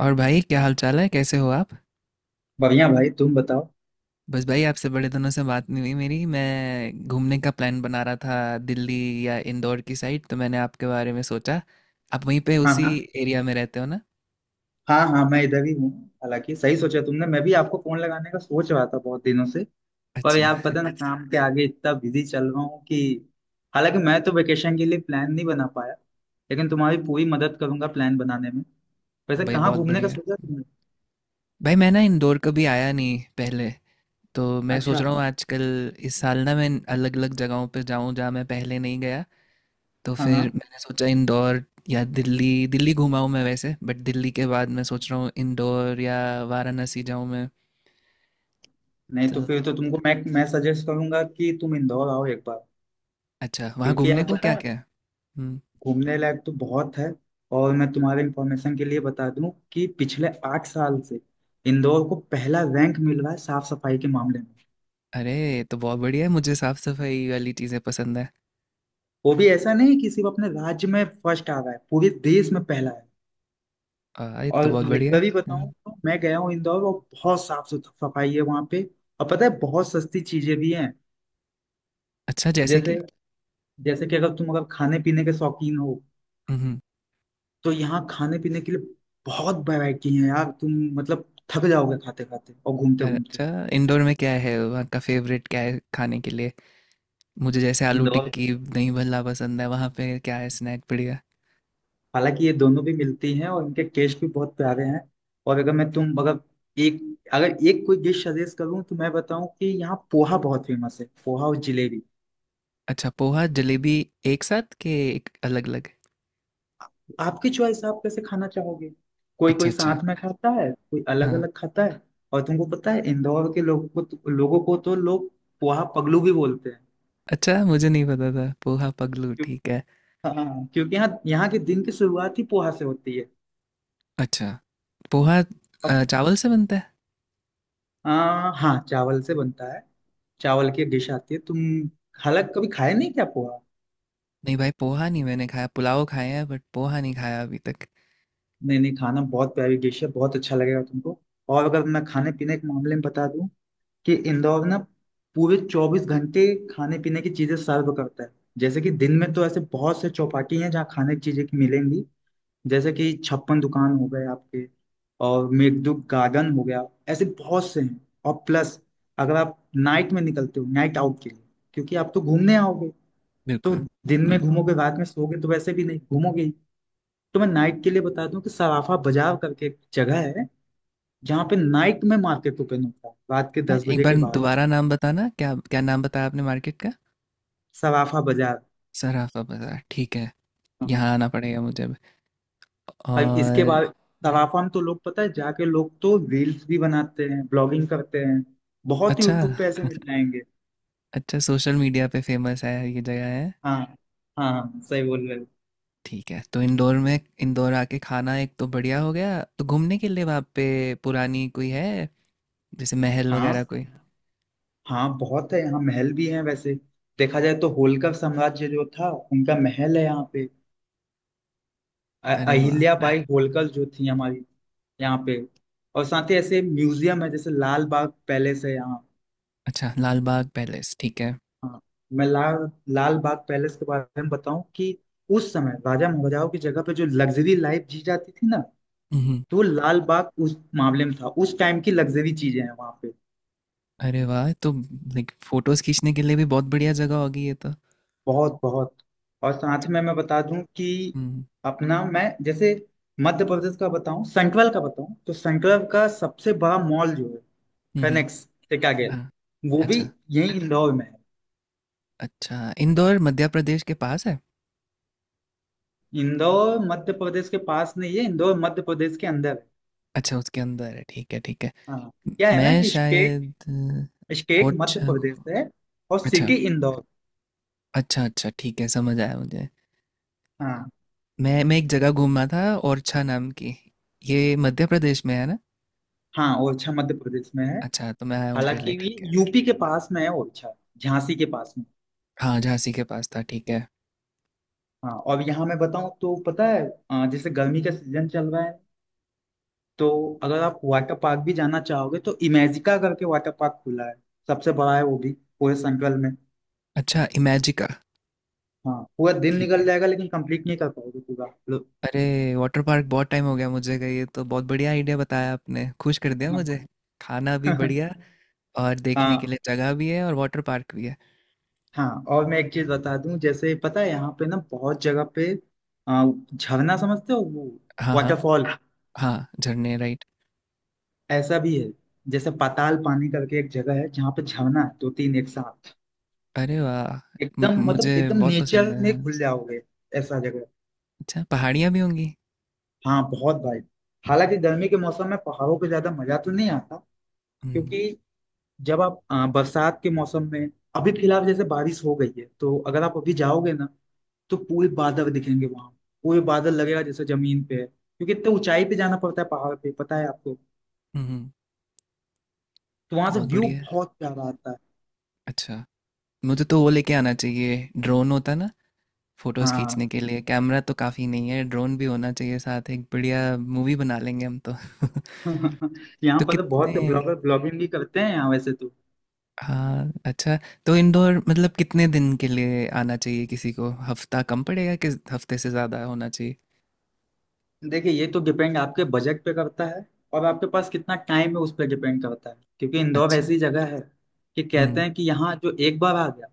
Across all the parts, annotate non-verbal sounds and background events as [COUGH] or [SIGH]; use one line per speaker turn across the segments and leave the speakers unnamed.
और भाई क्या हाल चाल है, कैसे हो आप।
बढ़िया भाई। तुम बताओ।
बस भाई आपसे बड़े दिनों से बात नहीं हुई मेरी। मैं घूमने का प्लान बना रहा था दिल्ली या इंदौर की साइड, तो मैंने आपके बारे में सोचा। आप वहीं पे
हाँ,
उसी
हाँ।
एरिया में रहते हो ना।
हाँ, हाँ, मैं इधर ही हूँ। हालांकि सही सोचा तुमने, मैं भी आपको फोन लगाने का सोच रहा था बहुत दिनों से। पर
अच्छा।
यार पता ना, काम के आगे इतना बिजी चल रहा हूँ कि हालांकि मैं तो वेकेशन के लिए प्लान नहीं बना पाया। लेकिन तुम्हारी पूरी मदद करूंगा प्लान बनाने में। वैसे
भाई
कहाँ
बहुत
घूमने का
बढ़िया।
सोचा तुमने?
भाई मैं ना इंदौर कभी आया नहीं पहले, तो मैं सोच
अच्छा।
रहा हूँ आजकल इस साल ना मैं अलग अलग जगहों पे जाऊँ जहाँ मैं पहले नहीं गया। तो
हाँ, हाँ।
फिर मैंने सोचा इंदौर या दिल्ली। दिल्ली घुमा हूँ मैं वैसे, बट दिल्ली के बाद मैं सोच रहा हूँ इंदौर या वाराणसी जाऊँ मैं।
नहीं,
तो
तो फिर तो तुमको मैं सजेस्ट करूंगा कि तुम इंदौर आओ एक बार।
अच्छा वहाँ
क्योंकि यार
घूमने को
पता
क्या
है
क्या है। हम्म।
घूमने लायक तो बहुत है। और मैं तुम्हारे इंफॉर्मेशन के लिए बता दूं कि पिछले 8 साल से इंदौर को पहला रैंक मिल रहा है साफ सफाई के मामले में।
अरे ये तो बहुत बढ़िया है, मुझे साफ सफाई वाली चीज़ें पसंद है।
वो भी ऐसा नहीं कि सिर्फ अपने राज्य में फर्स्ट आ रहा है, पूरे देश में पहला है।
ये तो बहुत
और
बढ़िया है।
लिटरली बताऊं
हम्म।
तो मैं गया हूँ इंदौर, और बहुत सफाई है वहाँ पे। और पता है बहुत सस्ती चीजें भी हैं।
अच्छा जैसे
जैसे,
कि।
जैसे कि अगर तुम अगर खाने पीने के शौकीन हो
हम्म।
तो यहाँ खाने पीने के लिए बहुत वैरायटी है यार। तुम मतलब थक जाओगे खाते खाते और घूमते
अरे,
घूमते।
अच्छा इंडोर में क्या है, वहाँ का फेवरेट क्या है खाने के लिए। मुझे जैसे आलू टिक्की दही भल्ला पसंद है, वहाँ पे क्या है स्नैक बढ़िया।
हालांकि ये दोनों भी मिलती हैं और इनके टेस्ट भी बहुत प्यारे हैं। और अगर मैं तुम अगर एक अगर एक कोई डिश सजेस्ट करूं तो मैं बताऊं कि यहाँ पोहा बहुत फेमस है, पोहा और जलेबी।
अच्छा पोहा जलेबी एक साथ के एक अलग अलग।
आपकी चॉइस, आप कैसे खाना चाहोगे। कोई
अच्छा
कोई
अच्छा।
साथ में खाता है, कोई अलग
हाँ।
अलग खाता है। और तुमको पता है इंदौर के लोगों को तो लोग पोहा पगलू भी बोलते हैं।
अच्छा मुझे नहीं पता था पोहा पगलू।
क्यों-
ठीक है।
हाँ, क्योंकि यहाँ यहाँ के दिन की शुरुआत ही पोहा से होती है।
अच्छा पोहा
अब,
चावल से बनता है।
आ, हाँ, चावल से बनता है। चावल की डिश आती है। तुम हालांकि कभी खाए नहीं क्या पोहा?
नहीं भाई पोहा नहीं मैंने खाया, पुलाव खाया है बट पोहा नहीं खाया अभी तक।
नहीं, नहीं खाना, बहुत प्यारी डिश है, बहुत अच्छा लगेगा तुमको। और अगर मैं खाने पीने के मामले में बता दूं कि इंदौर ना पूरे 24 घंटे खाने पीने की चीजें सर्व करता है। जैसे कि दिन में तो ऐसे बहुत से चौपाटी हैं जहाँ खाने की चीजें की मिलेंगी, जैसे कि छप्पन दुकान हो गए आपके और मेघदूत गार्डन हो गया, ऐसे बहुत से हैं। और प्लस, अगर आप नाइट में निकलते हो नाइट आउट के लिए, क्योंकि आप तो घूमने आओगे, तो
बिल्कुल।
दिन में
हम्म।
घूमोगे रात में सोओगे तो वैसे भी नहीं घूमोगे ही। तो मैं नाइट के लिए बता दूं कि सराफा बाजार करके एक जगह है जहाँ पे नाइट में मार्केट ओपन होता है रात के दस
एक
बजे के
बार
बाद।
दोबारा नाम बताना, क्या क्या नाम बताया आपने मार्केट का।
सराफा बाजार।
सराफा बाजार ठीक है।
हाँ।
यहाँ आना पड़ेगा मुझे अब।
और इसके
और
बाद सराफा में तो लोग पता है जाके लोग तो रील्स भी बनाते हैं, ब्लॉगिंग करते हैं, बहुत
अच्छा।
यूट्यूब पे ऐसे मिल जाएंगे।
अच्छा सोशल मीडिया पे फेमस है ये जगह है।
हाँ। हाँ, हाँ, सही बोल रहे हो।
ठीक है तो इंदौर में, इंदौर आके खाना एक तो बढ़िया हो गया, तो घूमने के लिए वहाँ पे पुरानी कोई है, जैसे महल
हाँ।
वगैरह कोई।
हाँ, बहुत है यहाँ, महल भी है वैसे। देखा जाए तो होलकर साम्राज्य जो था उनका महल है यहाँ पे।
अरे वाह,
अहिल्या
हाँ।
बाई होलकर जो थी हमारी, यहाँ पे। और साथ ही ऐसे म्यूजियम है जैसे लाल बाग पैलेस है यहाँ।
अच्छा लाल बाग पैलेस ठीक है।
हाँ। मैं लाल लाल बाग पैलेस के बारे में बताऊं कि उस समय राजा महाराजाओं की जगह पे जो लग्जरी लाइफ जी जाती थी ना,
हम्म।
तो वो लाल बाग उस मामले में था, उस टाइम की लग्जरी चीजें हैं वहाँ पे।
अरे वाह, तो लाइक फोटोज खींचने के लिए भी बहुत बढ़िया जगह होगी ये तो।
बहुत, बहुत। और साथ में मैं बता दूं कि
हम्म
अपना मैं जैसे मध्य प्रदेश का बताऊं, सेंट्रल का बताऊं तो सेंट्रल का सबसे बड़ा मॉल जो है,
हम्म। हम्म।
फेनिक्स टिकागेल,
हाँ।
वो भी
अच्छा
यही इंदौर में है।
अच्छा। इंदौर मध्य प्रदेश के पास है।
इंदौर मध्य प्रदेश के पास नहीं है, इंदौर मध्य प्रदेश के अंदर है।
अच्छा उसके अंदर है, ठीक है ठीक है।
हाँ, क्या है ना
मैं
कि स्टेट,
शायद
स्टेट मध्य प्रदेश है और
अच्छा
सिटी इंदौर।
अच्छा अच्छा, ठीक है समझ आया मुझे।
हाँ।
मैं एक जगह घूमा था, ओरछा नाम की। ये मध्य प्रदेश में है ना।
हाँ, ओरछा मध्य प्रदेश में है।
अच्छा तो मैं आया हूँ
हालांकि
पहले,
ये
ठीक है।
यूपी के पास में है ओरछा, झांसी के पास में।
हाँ झांसी के पास था, ठीक है।
हाँ। और यहाँ मैं बताऊँ तो पता है, अ, जैसे गर्मी का सीजन चल रहा है तो अगर आप वाटर पार्क भी जाना चाहोगे तो इमेजिका करके वाटर पार्क खुला है, सबसे बड़ा है वो भी पूरे संकल में।
अच्छा इमेजिका
हाँ, पूरा दिन
ठीक
निकल
है।
जाएगा लेकिन कंप्लीट नहीं कर पाओगे पूरा लो।
अरे वाटर पार्क बहुत टाइम हो गया मुझे गए, ये तो बहुत बढ़िया आइडिया बताया आपने, खुश कर दिया
हाँ।
मुझे। खाना भी बढ़िया,
[LAUGHS]
और देखने के
हाँ,
लिए जगह भी है, और वाटर पार्क भी है।
हाँ। और मैं एक चीज बता दूं, जैसे पता है यहाँ पे ना बहुत जगह पे, आ, झरना समझते हो वो,
हाँ हाँ।
वाटरफॉल,
हाँ झरने राइट।
ऐसा भी है। जैसे पाताल पानी करके एक जगह है जहाँ पे झरना है, दो तीन एक साथ।
अरे वाह,
एकदम
मुझे
मतलब एकदम
बहुत पसंद
नेचर
है
में
हाँ।
घुल जाओगे, ऐसा जगह।
अच्छा पहाड़ियाँ भी होंगी।
हाँ बहुत भाई। हालांकि गर्मी के मौसम में पहाड़ों पे ज्यादा मजा तो नहीं आता,
हम्म।
क्योंकि जब आप, अ, बरसात के मौसम में, अभी फिलहाल जैसे बारिश हो गई है तो अगर आप अभी जाओगे ना तो पूरे बादल दिखेंगे वहां। पूरे बादल लगेगा जैसे जमीन पे है, क्योंकि इतने ऊंचाई पे जाना पड़ता है पहाड़ पे, पता है आपको।
हम्म।
तो वहां
तो
से
बहुत
व्यू
बढ़िया है।
बहुत प्यारा आता है।
अच्छा मुझे तो वो लेके आना चाहिए ड्रोन, होता ना फोटोज
हाँ।
खींचने के लिए कैमरा तो काफ़ी नहीं है, ड्रोन भी होना चाहिए साथ, एक बढ़िया मूवी बना लेंगे हम तो [LAUGHS]
[LAUGHS] यहाँ
तो
पर तो
कितने।
बहुत ब्लॉगर ब्लॉगिंग भी करते हैं यहाँ वैसे तो।
हाँ, अच्छा। तो इंदौर मतलब कितने दिन के लिए आना चाहिए किसी को? हफ्ता कम पड़ेगा कि हफ्ते से ज़्यादा होना चाहिए?
देखिए ये तो डिपेंड आपके बजट पे करता है, और आपके पास कितना टाइम है उस पर डिपेंड करता है, क्योंकि इंदौर
अच्छा।
ऐसी जगह है कि कहते
हुँ,
हैं कि यहाँ जो एक बार आ गया,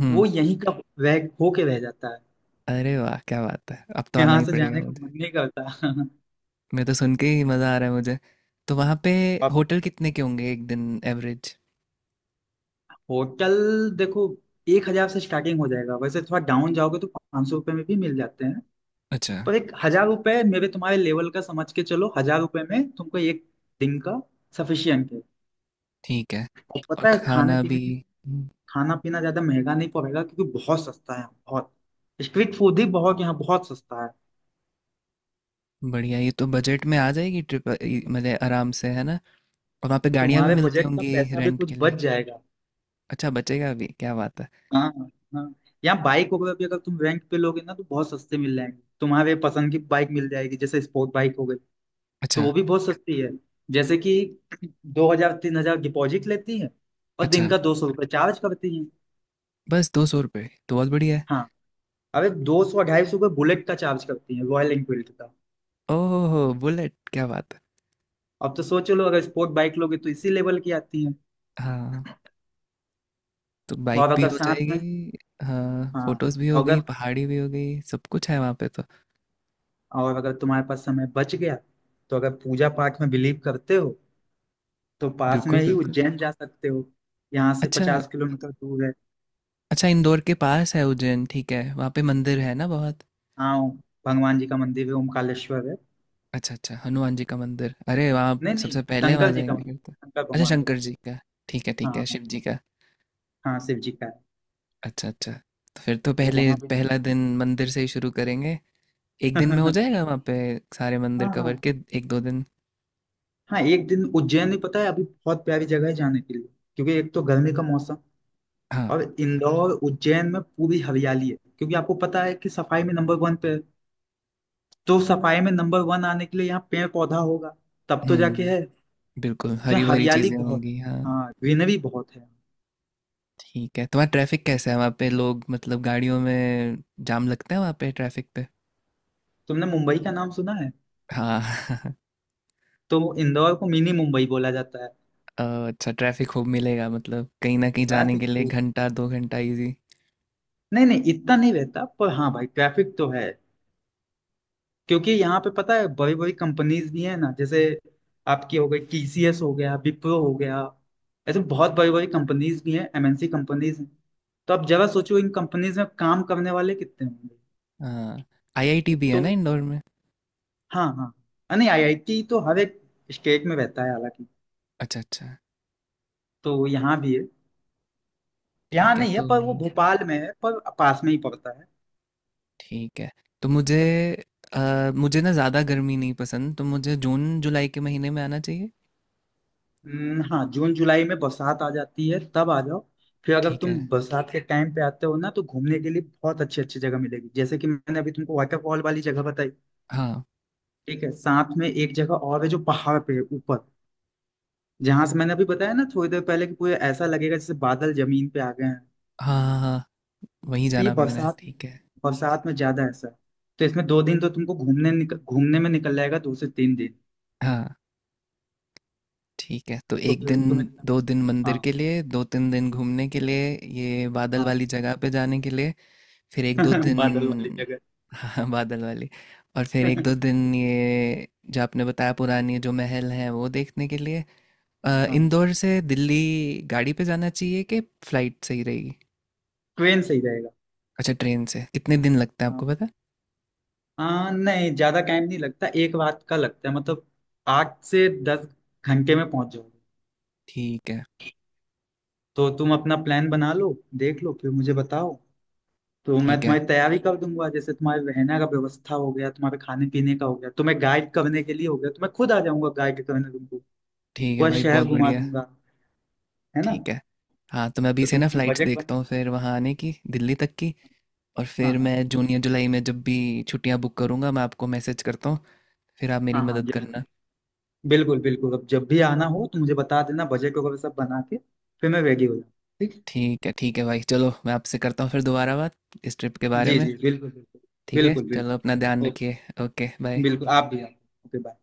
हुँ।
वो यहीं का रह होके रह जाता है।
अरे वाह! क्या बात है। अब तो आना
यहाँ
ही
से
पड़ेगा
जाने का
मुझे।
मन नहीं करता। [LAUGHS]
मैं तो सुन के ही मज़ा आ रहा है मुझे। तो वहाँ पे
आप
होटल कितने के होंगे एक दिन एवरेज?
होटल देखो, 1,000 से स्टार्टिंग हो जाएगा, वैसे थोड़ा डाउन जाओगे तो 500 रुपये में भी मिल जाते हैं।
अच्छा,
पर 1,000 रुपये मेरे तुम्हारे लेवल का समझ के चलो, 1,000 रुपये में तुमको एक दिन का सफिशियंट है।
ठीक है।
और
और
पता है खाने
खाना
पीने
भी।
की,
हुँ।
खाना पीना ज्यादा महंगा नहीं पड़ेगा क्योंकि बहुत सस्ता है, बहुत स्ट्रीट फूड ही बहुत यहाँ, बहुत सस्ता है।
बढ़िया, ये तो बजट में आ जाएगी ट्रिप अ, इ मतलब आराम से, है ना? और वहाँ पे गाड़ियाँ भी
तुम्हारे
मिलती
बजट का
होंगी
पैसा भी
रेंट
कुछ
के
बच
लिए?
जाएगा।
अच्छा बचेगा भी, क्या बात है।
हाँ। हाँ, यहाँ बाइक वगैरह भी अगर तुम रेंट पे लोगे ना तो बहुत सस्ते मिल जाएंगे, तुम्हारे पसंद की बाइक मिल जाएगी जैसे स्पोर्ट बाइक हो गई, तो
अच्छा,
वो भी बहुत सस्ती है। जैसे कि 2,000 3,000 डिपॉजिट लेती है, और
अच्छा।
दिन का 200 रुपये चार्ज करती है।
बस 200 रुपये तो बहुत बढ़िया है।
हाँ। अरे दो सौ 250 रुपये बुलेट का चार्ज करती है, रॉयल एनफील्ड का।
ओह बुलेट, क्या बात है।
अब तो सोच लो, अगर स्पोर्ट बाइक लोगे तो इसी लेवल की आती है।
हाँ तो बाइक
और
भी
अगर
हो
साथ में,
जाएगी। हाँ
हाँ
फोटोज भी हो गई,
अगर,
पहाड़ी भी हो गई, सब कुछ है वहाँ पे तो।
और अगर तुम्हारे पास समय बच गया तो अगर पूजा पाठ में बिलीव करते हो तो पास में
बिल्कुल
ही
बिल्कुल।
उज्जैन जा सकते हो। यहाँ से
अच्छा
50 किलोमीटर दूर है।
अच्छा इंदौर के पास है उज्जैन, ठीक है। वहाँ पे मंदिर है ना बहुत।
हाँ, भगवान जी का मंदिर है, ओमकालेश्वर है।
अच्छा अच्छा हनुमान जी का मंदिर, अरे वहाँ
नहीं, नहीं,
सबसे पहले वहाँ
शंकर जी का
जाएंगे फिर
मंदिर,
तो।
शंकर
अच्छा
भगवान का
शंकर
मंदिर।
जी का,
हाँ,
ठीक है
हाँ।
शिव जी का।
हाँ, शिव जी का है।
अच्छा अच्छा। तो फिर तो
तो
पहले
वहां पे
पहला
[LAUGHS]
दिन मंदिर से ही शुरू करेंगे। एक दिन में हो
हाँ।
जाएगा वहाँ पे सारे मंदिर कवर
हाँ,
के, एक दो दिन।
हाँ, एक दिन उज्जैन ही, पता है अभी बहुत प्यारी जगह है जाने के लिए। क्योंकि एक तो गर्मी का मौसम,
हाँ।
और इंदौर उज्जैन में पूरी हरियाली है, क्योंकि आपको पता है कि सफाई में नंबर वन पे है। तो सफाई में नंबर वन आने के लिए यहाँ पेड़ पौधा होगा तब तो जाके है।
हम्म। बिल्कुल
तो यहाँ
हरी भरी
हरियाली
चीजें
बहुत है।
होंगी हाँ।
हाँ, ग्रीनरी बहुत है।
ठीक है, तुम्हारा ट्रैफिक कैसा है वहाँ पे, लोग मतलब गाड़ियों में जाम लगता है वहाँ पे ट्रैफिक पे।
तुमने मुंबई का नाम सुना है?
हाँ [LAUGHS]
तो इंदौर को मिनी मुंबई बोला जाता है।
अच्छा ट्रैफिक खूब मिलेगा, मतलब कहीं ना कहीं जाने के
ट्रैफिक
लिए
खूब,
घंटा दो घंटा इजी।
नहीं, नहीं इतना नहीं रहता, पर हाँ भाई, ट्रैफिक तो है। क्योंकि यहाँ पे पता है बड़ी बड़ी कंपनीज भी है ना, जैसे आपकी हो गई टीसीएस हो गया, विप्रो हो गया। ऐसे बहुत बड़ी बड़ी कंपनीज भी हैं, एमएनसी कंपनीज हैं। तो आप जरा सोचो इन कंपनीज में काम करने वाले कितने होंगे।
हाँ आईआईटी भी है
तो
ना इंदौर में।
हाँ, हाँ, अ, नहीं, आईआईटी तो हर एक स्टेट में रहता है हालांकि।
अच्छा अच्छा।
तो यहाँ भी है। यहाँ
ठीक है
नहीं है,
तो।
पर वो भोपाल में है, पर पास में ही पड़ता है।
ठीक है तो मुझे, मुझे ना ज़्यादा गर्मी नहीं पसंद, तो मुझे जून जुलाई के महीने में आना चाहिए।
हाँ जून जुलाई में बरसात आ जाती है, तब आ जाओ। फिर अगर
ठीक
तुम
है।
बरसात के टाइम पे आते हो ना तो घूमने के लिए बहुत अच्छी अच्छी जगह मिलेगी, जैसे कि मैंने अभी तुमको वाटरफॉल वाली जगह बताई।
हाँ।
ठीक है, साथ में एक जगह और है जो पहाड़ पे है ऊपर, जहां से मैंने अभी बताया ना थोड़ी देर पहले कि पूरे ऐसा लगेगा जैसे बादल जमीन पे आ गए हैं।
हाँ हाँ हाँ। वहीं
तो ये
जाना पड़ना है,
बरसात
ठीक है।
बरसात में ज्यादा ऐसा है। तो इसमें 2 दिन तो तुमको घूमने में निकल जाएगा, 2 से 3 दिन।
हाँ ठीक है, तो
तो
एक
फिर
दिन
तुम्हें।
दो दिन मंदिर
हाँ।
के लिए, दो तीन दिन घूमने के लिए, ये बादल
हाँ।
वाली जगह पे जाने के लिए, फिर एक दो
[LAUGHS]
दिन।
बादल वाली जगह।
[LAUGHS] हाँ बादल वाली। और फिर एक दो
[LAUGHS]
दिन ये जो आपने बताया पुरानी जो महल है वो देखने के लिए।
हाँ।
इंदौर से दिल्ली गाड़ी पे जाना चाहिए कि फ्लाइट सही रहेगी।
ट्रेन सही रहेगा।
अच्छा ट्रेन से कितने दिन लगते हैं
हाँ।
आपको पता।
आ, नहीं ज्यादा टाइम नहीं लगता, एक रात का लगता है मतलब, 8 से 10 घंटे में पहुंच जाओगे।
ठीक है।
तो तुम अपना प्लान बना लो, देख लो फिर मुझे बताओ। तो मैं
ठीक है
तुम्हारी तैयारी कर दूंगा, जैसे तुम्हारे रहने का व्यवस्था हो गया, तुम्हारे खाने पीने का हो गया, तुम्हें गाइड करने के लिए हो गया, तो मैं खुद आ जाऊंगा गाइड करने तुमको।
ठीक है
पूरा
भाई
शहर
बहुत
घुमा
बढ़िया।
दूंगा, है ना।
ठीक है, हाँ तो मैं अभी
तो
से
तुम
ना
अपना
फ्लाइट्स
बजट
देखता
बना।
हूँ फिर वहाँ आने की दिल्ली तक की। और
हाँ,
फिर
हाँ।
मैं जून या जुलाई में जब भी छुट्टियां बुक करूंगा, मैं आपको मैसेज करता हूँ, फिर आप मेरी
हाँ, हाँ
मदद
जी,
करना।
बिल्कुल, बिल्कुल, अब जब भी आना हो तो मुझे बता देना बजट वगैरह सब बना के, फिर मैं रेडी हो जाऊँ। ठीक।
ठीक है भाई, चलो मैं आपसे करता हूँ फिर दोबारा बात, इस ट्रिप के बारे
जी,
में।
जी, बिल्कुल,
ठीक है
बिल्कुल।
चलो
बिल्कुल,
अपना ध्यान
बिल्कुल।
रखिए। Okay bye.
बिल्कुल, आप भी आप। Okay bye.